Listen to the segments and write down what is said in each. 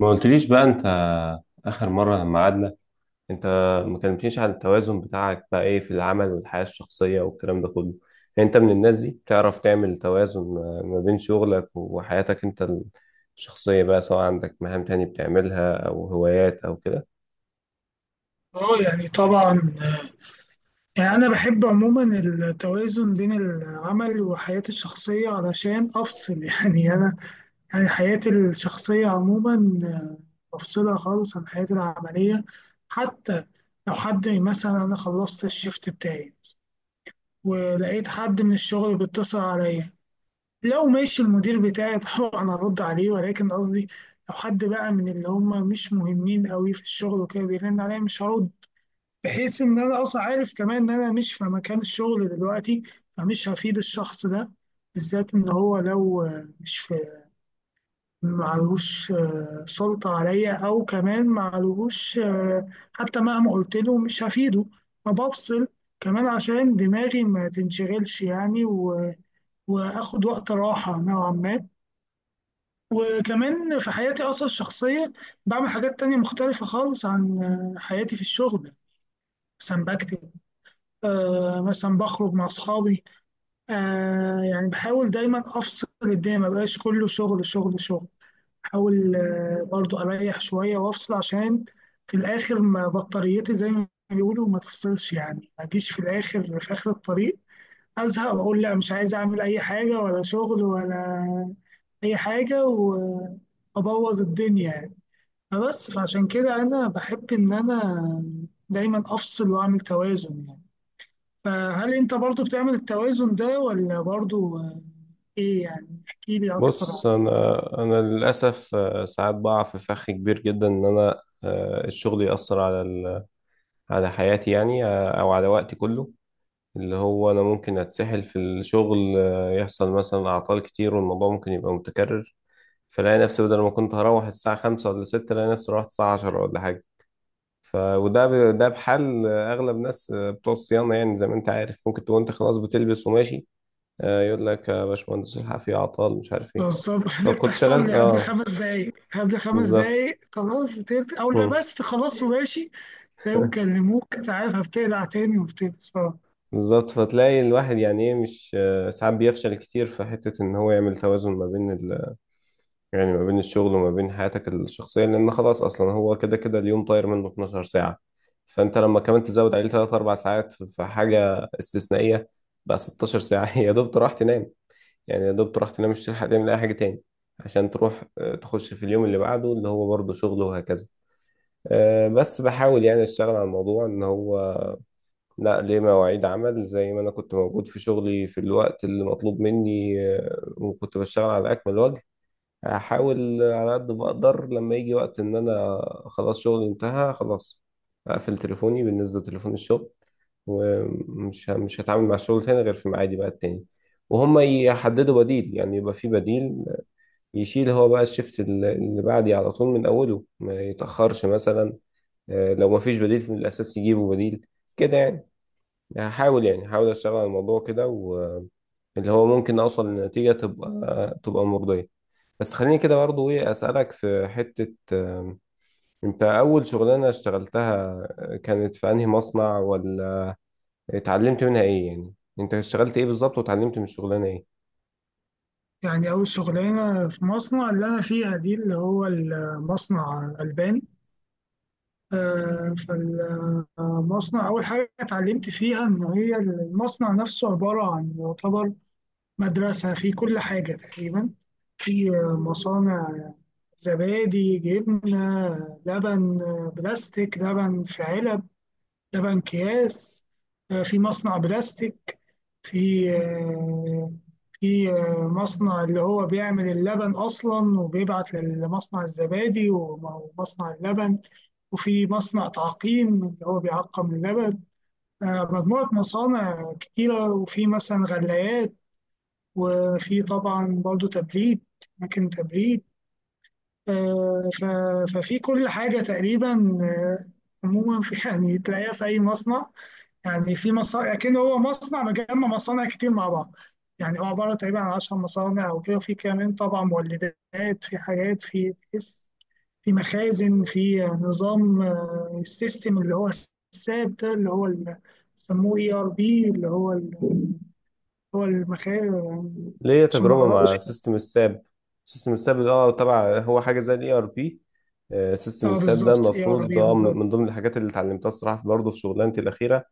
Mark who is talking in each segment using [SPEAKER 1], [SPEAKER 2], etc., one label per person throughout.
[SPEAKER 1] ما قلتليش بقى انت، اخر مره لما قعدنا، انت ما كلمتنيش عن التوازن بتاعك، بقى ايه في العمل والحياه الشخصيه والكلام ده كله؟ يعني انت من الناس دي بتعرف تعمل توازن ما بين شغلك وحياتك انت الشخصيه بقى، سواء عندك مهام تانية بتعملها او هوايات او كده؟
[SPEAKER 2] طبعا. يعني انا بحب عموما التوازن بين العمل وحياتي الشخصيه علشان افصل. يعني انا يعني حياتي الشخصيه عموما، بفصلها خالص عن حياتي العمليه. حتى لو حد مثلا انا خلصت الشيفت بتاعي ولقيت حد من الشغل بيتصل عليا، لو ماشي المدير بتاعي طبعا ارد عليه، ولكن قصدي لو حد بقى من اللي هم مش مهمين قوي في الشغل وكده بيرن عليا مش هرد، بحيث ان انا اصلا عارف كمان ان انا مش في مكان الشغل دلوقتي، فمش هفيد الشخص ده. بالذات ان هو لو مش في معلوش سلطة عليا، او كمان معلوش حتى مهما قلت له مش هفيده. فبفصل كمان عشان دماغي ما تنشغلش يعني واخد وقت راحة نوعا ما. وكمان في حياتي اصلا الشخصية بعمل حاجات تانية مختلفة خالص عن حياتي في الشغل. مثلا بكتب، مثلا بخرج مع أصحابي. يعني بحاول دايما أفصل الدنيا، ما بقاش كله شغل شغل شغل. بحاول برضو أريح شوية وأفصل، عشان في الآخر ما بطاريتي زي ما بيقولوا ما تفصلش يعني، ما أجيش في الآخر في آخر الطريق أزهق وأقول لا مش عايز أعمل أي حاجة ولا شغل ولا أي حاجة وأبوظ الدنيا يعني. فبس فعشان كده أنا بحب إن أنا دايما أفصل وأعمل توازن يعني. فهل انت برضو بتعمل التوازن ده؟ ولا برضو ايه يعني، احكي لي اكتر عن.
[SPEAKER 1] بص، انا للاسف ساعات بقع في فخ كبير جدا ان انا، الشغل يأثر على حياتي يعني، او على وقتي كله. اللي هو أنا ممكن أتسحل في الشغل، يحصل مثلا أعطال كتير والموضوع ممكن يبقى متكرر، فلاقي نفسي بدل ما كنت هروح الساعة خمسة ولا ستة، لاقي نفسي روحت الساعة عشرة ولا حاجة. ف ده بحال أغلب ناس، بتوع الصيانة يعني. زي ما أنت عارف ممكن تكون أنت خلاص بتلبس وماشي، يقول لك يا باشمهندس الحق في أعطال مش عارف إيه.
[SPEAKER 2] بالظبط. دي
[SPEAKER 1] فكنت
[SPEAKER 2] بتحصل
[SPEAKER 1] شغلت
[SPEAKER 2] لي قبل خمس دقايق، قبل خمس
[SPEAKER 1] بالظبط.
[SPEAKER 2] دقايق خلاص بتقفل او
[SPEAKER 1] مم.
[SPEAKER 2] لبست خلاص وماشي، تلاقيهم كلموك، انت عارف هبتقلع تاني، وبتقلع صراحة.
[SPEAKER 1] بالظبط. فتلاقي الواحد يعني ايه، مش ساعات بيفشل كتير في حتة ان هو يعمل توازن ما بين، يعني ما بين الشغل وما بين حياتك الشخصية، لأن خلاص أصلا هو كده كده اليوم طاير منه 12 ساعة، فأنت لما كمان تزود عليه 3 4 ساعات في حاجة استثنائية بقى 16 ساعة. يا دوب تروح تنام. يعني يا دوب تروح تنام مش تلحق تعمل أي حاجة تاني عشان تروح تخش في اليوم اللي بعده اللي هو برضه شغل وهكذا. بس بحاول يعني أشتغل على الموضوع إن هو، لا، ليه مواعيد عمل. زي ما أنا كنت موجود في شغلي في الوقت اللي مطلوب مني، وكنت بشتغل على أكمل وجه، احاول على قد ما اقدر لما يجي وقت ان انا خلاص شغلي انتهى خلاص، اقفل تليفوني بالنسبه لتليفون الشغل، ومش ه- مش هتعامل مع الشغل تاني غير في ميعادي بقى التاني. وهم يحددوا بديل، يعني يبقى في بديل يشيل هو بقى الشفت اللي بعدي على طول من اوله، ما يتاخرش مثلا. لو ما فيش بديل في الاساس يجيبوا بديل، كده يعني. هحاول اشتغل على الموضوع كده، واللي هو ممكن اوصل لنتيجه تبقى مرضيه. بس خليني كده برضه ايه، اسالك في حته، انت اول شغلانه اشتغلتها، كانت في انهي مصنع ولا اتعلمت منها ايه يعني؟ انت اشتغلت ايه بالظبط، واتعلمت من الشغلانه ايه؟
[SPEAKER 2] يعني أول شغلانة في مصنع اللي أنا فيها دي اللي هو المصنع الألباني. آه، فالمصنع أول حاجة اتعلمت فيها إن هي المصنع نفسه عبارة عن يعتبر مدرسة في كل حاجة تقريبا. في مصانع زبادي، جبنة، لبن، بلاستيك، لبن في علب، لبن أكياس، في مصنع بلاستيك، في في مصنع اللي هو بيعمل اللبن أصلا وبيبعت لمصنع الزبادي ومصنع اللبن، وفي مصنع تعقيم اللي هو بيعقم اللبن. مجموعة مصانع كتيرة، وفي مثلا غلايات، وفي طبعا برضو تبريد، أماكن تبريد. آه، ف- ففي كل حاجة تقريبا، عموما. في يعني تلاقيها في أي مصنع يعني، في مصانع، لكن هو مصنع مجمع مصانع كتير مع بعض. يعني هو عبارة تقريبا عن 10 مصانع أو كده، وفي كمان طبعا مولدات، في حاجات في في مخازن، في نظام السيستم اللي هو الساب ده اللي هو بيسموه اي ار بي اللي هو هو المخازن،
[SPEAKER 1] ليا
[SPEAKER 2] عشان ما
[SPEAKER 1] تجربه
[SPEAKER 2] أغلطش.
[SPEAKER 1] مع سيستم الساب. سيستم الساب ده، اه، طبعا هو حاجه زي الاي ار بي. سيستم
[SPEAKER 2] اه
[SPEAKER 1] الساب ده
[SPEAKER 2] بالظبط، اي ار
[SPEAKER 1] المفروض
[SPEAKER 2] بي
[SPEAKER 1] ده من
[SPEAKER 2] بالظبط.
[SPEAKER 1] من ضمن الحاجات اللي اتعلمتها الصراحه برضه في شغلانتي الاخيره.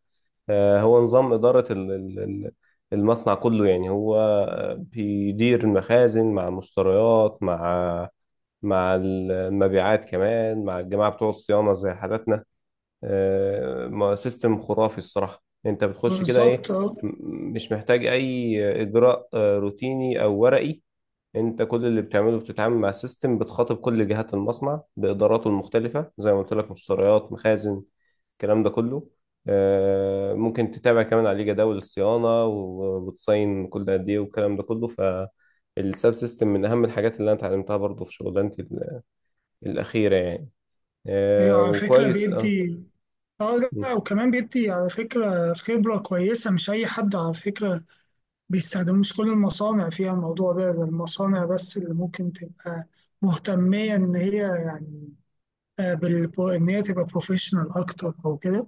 [SPEAKER 1] هو نظام اداره المصنع كله يعني. هو بيدير المخازن مع المشتريات، مع المبيعات كمان، مع الجماعة بتوع الصيانة زي حالاتنا. سيستم خرافي الصراحة. انت بتخش كده
[SPEAKER 2] بالظبط،
[SPEAKER 1] ايه،
[SPEAKER 2] اه.
[SPEAKER 1] مش محتاج اي اجراء روتيني او ورقي. انت كل اللي بتعمله بتتعامل مع سيستم، بتخاطب كل جهات المصنع باداراته المختلفة زي ما قلت لك، مشتريات، مخازن، الكلام ده كله. ممكن تتابع كمان عليه جداول الصيانة، وبتصين كل قد ايه والكلام ده كله. فالساب سيستم من أهم الحاجات اللي أنا اتعلمتها برضه في شغلانتي الأخيرة يعني.
[SPEAKER 2] ايوه
[SPEAKER 1] آه
[SPEAKER 2] على فكرة
[SPEAKER 1] وكويس. اه.
[SPEAKER 2] بيدي، اه.
[SPEAKER 1] م.
[SPEAKER 2] لا، وكمان بيدي على فكرة خبرة كويسة. مش أي حد على فكرة بيستخدمه، مش كل المصانع فيها الموضوع ده. ده المصانع بس اللي ممكن تبقى مهتمية إن هي يعني بال إن هي تبقى بروفيشنال أكتر أو كده.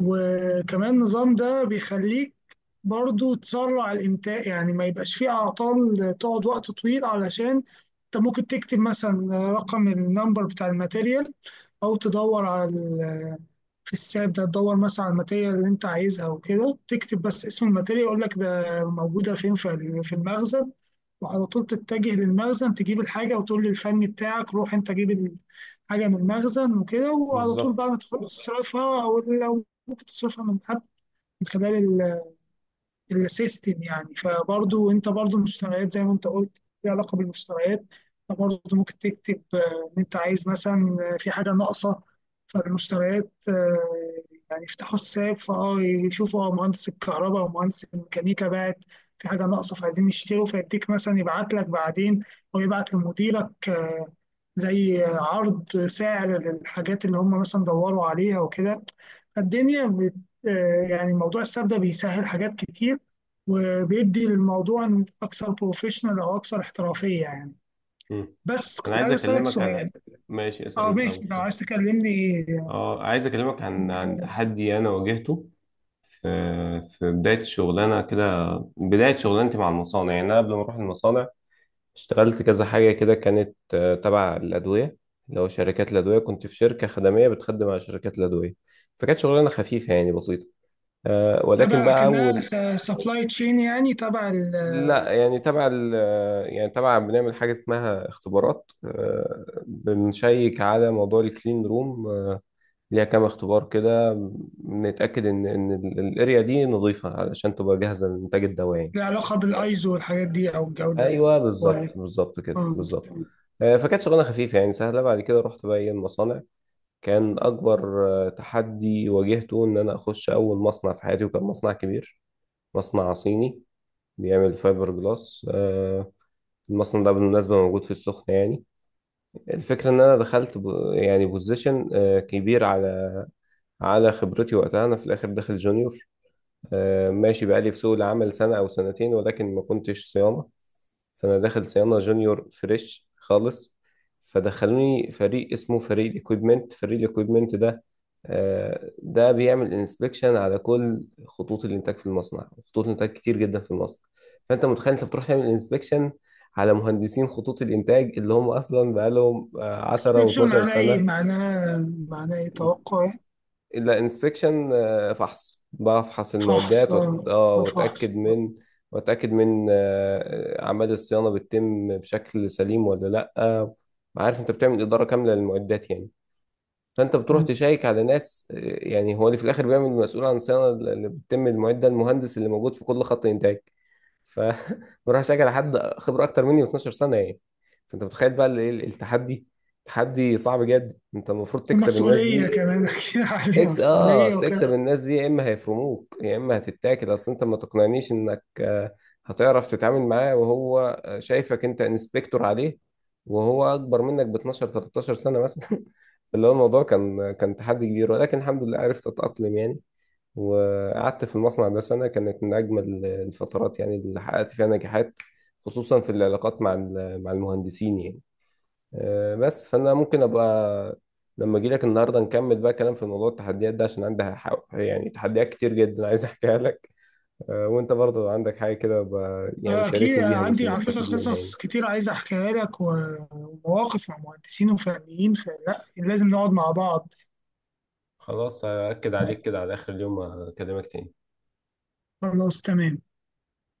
[SPEAKER 2] وكمان النظام ده بيخليك برضو تسرع الإنتاج، يعني ما يبقاش فيه أعطال تقعد وقت طويل، علشان أنت ممكن تكتب مثلا رقم النمبر بتاع الماتيريال، أو تدور على في الساب ده تدور مثلا على الماتيريال اللي أنت عايزها وكده، تكتب بس اسم الماتيريال يقول لك ده موجودة فين في في المخزن، وعلى طول تتجه للمخزن تجيب الحاجة، وتقول للفني بتاعك روح أنت جيب الحاجة من المخزن وكده، وعلى طول بقى
[SPEAKER 1] بالظبط.
[SPEAKER 2] ما تخلص تصرفها، أو لو ممكن تصرفها من قبل من خلال السيستم يعني. فبرضو انت برضو المشتريات زي ما انت قلت ليها علاقه بالمشتريات، فبرضو ممكن تكتب ان انت عايز مثلا، في حاجه ناقصه فالمشتريات، يعني يفتحوا الساب فاه يشوفوا اه مهندس الكهرباء ومهندس الميكانيكا بعت في حاجه ناقصه فعايزين نشتروا، فيديك مثلا يبعت لك بعدين، او يبعت لمديرك زي عرض سعر للحاجات اللي هم مثلا دوروا عليها وكده. فالدنيا بت آه، يعني موضوع الساب ده بيسهل حاجات كتير، وبيدي للموضوع اكثر بروفيشنال او اكثر احترافيه يعني.
[SPEAKER 1] م.
[SPEAKER 2] بس
[SPEAKER 1] أنا
[SPEAKER 2] كنت
[SPEAKER 1] عايز
[SPEAKER 2] عايز اسالك
[SPEAKER 1] أكلمك عن،
[SPEAKER 2] سؤال.
[SPEAKER 1] ماشي،
[SPEAKER 2] اه
[SPEAKER 1] أسأل
[SPEAKER 2] ماشي،
[SPEAKER 1] الأول
[SPEAKER 2] لو
[SPEAKER 1] طيب.
[SPEAKER 2] عايز تكلمني إيه؟
[SPEAKER 1] اه، عايز أكلمك عن، عن تحدي أنا واجهته في، في بداية شغلانة كده، بداية شغلانتي مع المصانع. يعني أنا قبل ما أروح المصانع اشتغلت كذا حاجة كده، كانت تبع الأدوية، اللي هو شركات الأدوية. كنت في شركة خدمية بتخدم على شركات الأدوية، فكانت شغلانة خفيفة يعني بسيطة. ولكن
[SPEAKER 2] تبع
[SPEAKER 1] بقى،
[SPEAKER 2] كأنها
[SPEAKER 1] أول،
[SPEAKER 2] سبلاي تشين يعني تبع
[SPEAKER 1] لا يعني تبع ال يعني تبع بنعمل حاجة اسمها اختبارات، بنشيك على موضوع الكلين روم. ليها كام اختبار كده، بنتأكد ان الاريا دي نظيفة علشان تبقى جاهزة للإنتاج الدواعي.
[SPEAKER 2] العلاقة بالايزو والحاجات دي او الجودة
[SPEAKER 1] ايوه
[SPEAKER 2] يعني،
[SPEAKER 1] بالظبط،
[SPEAKER 2] كواليتي.
[SPEAKER 1] بالظبط كده، بالظبط. فكانت شغلانه خفيفه يعني سهله. بعد كده رحت بقى ايه المصانع، كان اكبر تحدي واجهته ان انا اخش اول مصنع في حياتي، وكان مصنع كبير، مصنع صيني بيعمل فايبر جلاس. المصنع ده بالمناسبة موجود في السخنة يعني. الفكرة إن أنا دخلت يعني بوزيشن كبير على خبرتي وقتها. أنا في الآخر داخل جونيور، ماشي بقالي في سوق العمل سنة أو سنتين، ولكن ما كنتش صيانة. فانا داخل صيانه جونيور فريش خالص، فدخلوني فريق اسمه فريق الاكويبمنت. فريق الاكويبمنت ده، ده بيعمل انسبكشن على كل خطوط الانتاج في المصنع، خطوط الانتاج كتير جدا في المصنع. فانت متخيل انت بتروح تعمل انسبكشن على مهندسين خطوط الانتاج اللي هم اصلا بقالهم 10
[SPEAKER 2] اكسبكشن
[SPEAKER 1] و12
[SPEAKER 2] معناه ايه؟
[SPEAKER 1] سنه.
[SPEAKER 2] معناه ايه توقع يعني.
[SPEAKER 1] لا، انسبكشن فحص، بفحص
[SPEAKER 2] فحص،
[SPEAKER 1] المعدات وأت... آه، واتاكد
[SPEAKER 2] فحص.
[SPEAKER 1] من واتاكد من آه، آه، اعمال الصيانه بتتم بشكل سليم ولا لا. عارف انت بتعمل اداره كامله للمعدات يعني. فانت بتروح
[SPEAKER 2] آه.
[SPEAKER 1] تشيك على ناس، يعني هو اللي في الاخر بيعمل مسؤول عن الصيانه اللي بتتم المعده، المهندس اللي موجود في كل خط انتاج. ف بروح اشيك على حد خبره اكتر مني ب 12 سنه يعني. فانت متخيل بقى التحدي، تحدي صعب جدا، انت المفروض تكسب الناس
[SPEAKER 2] ومسؤولية
[SPEAKER 1] دي.
[SPEAKER 2] كمان، أكيد عليها
[SPEAKER 1] تكس اه
[SPEAKER 2] مسؤولية
[SPEAKER 1] تكسب
[SPEAKER 2] وكده.
[SPEAKER 1] الناس دي، يا اما هيفرموك يا اما هتتاكل. اصل انت ما تقنعنيش انك هتعرف تتعامل معاه، وهو شايفك انت انسبكتور عليه، وهو اكبر منك ب 12 13 سنه مثلا. اللي هو الموضوع كان تحدي كبير، ولكن الحمد لله عرفت اتاقلم يعني. وقعدت في المصنع ده سنه، كانت من اجمل الفترات يعني اللي حققت فيها نجاحات، خصوصا في العلاقات مع مع المهندسين يعني. بس، فانا ممكن ابقى لما اجي لك النهارده نكمل بقى كلام في موضوع التحديات ده، عشان عندها يعني تحديات كتير جدا عايز احكيها لك. وانت برضه لو عندك حاجه كده ابقى يعني
[SPEAKER 2] آه، أكيد
[SPEAKER 1] شاركني
[SPEAKER 2] أنا
[SPEAKER 1] بيها،
[SPEAKER 2] عندي
[SPEAKER 1] ممكن
[SPEAKER 2] على فكرة
[SPEAKER 1] نستفيد منها
[SPEAKER 2] قصص
[SPEAKER 1] يعني.
[SPEAKER 2] كتير عايز أحكيها لك ومواقف مع مهندسين وفنيين، فلا لازم نقعد مع بعض.
[SPEAKER 1] خلاص هأكد عليك كده على آخر اليوم، أكلمك تاني.
[SPEAKER 2] خلاص تمام.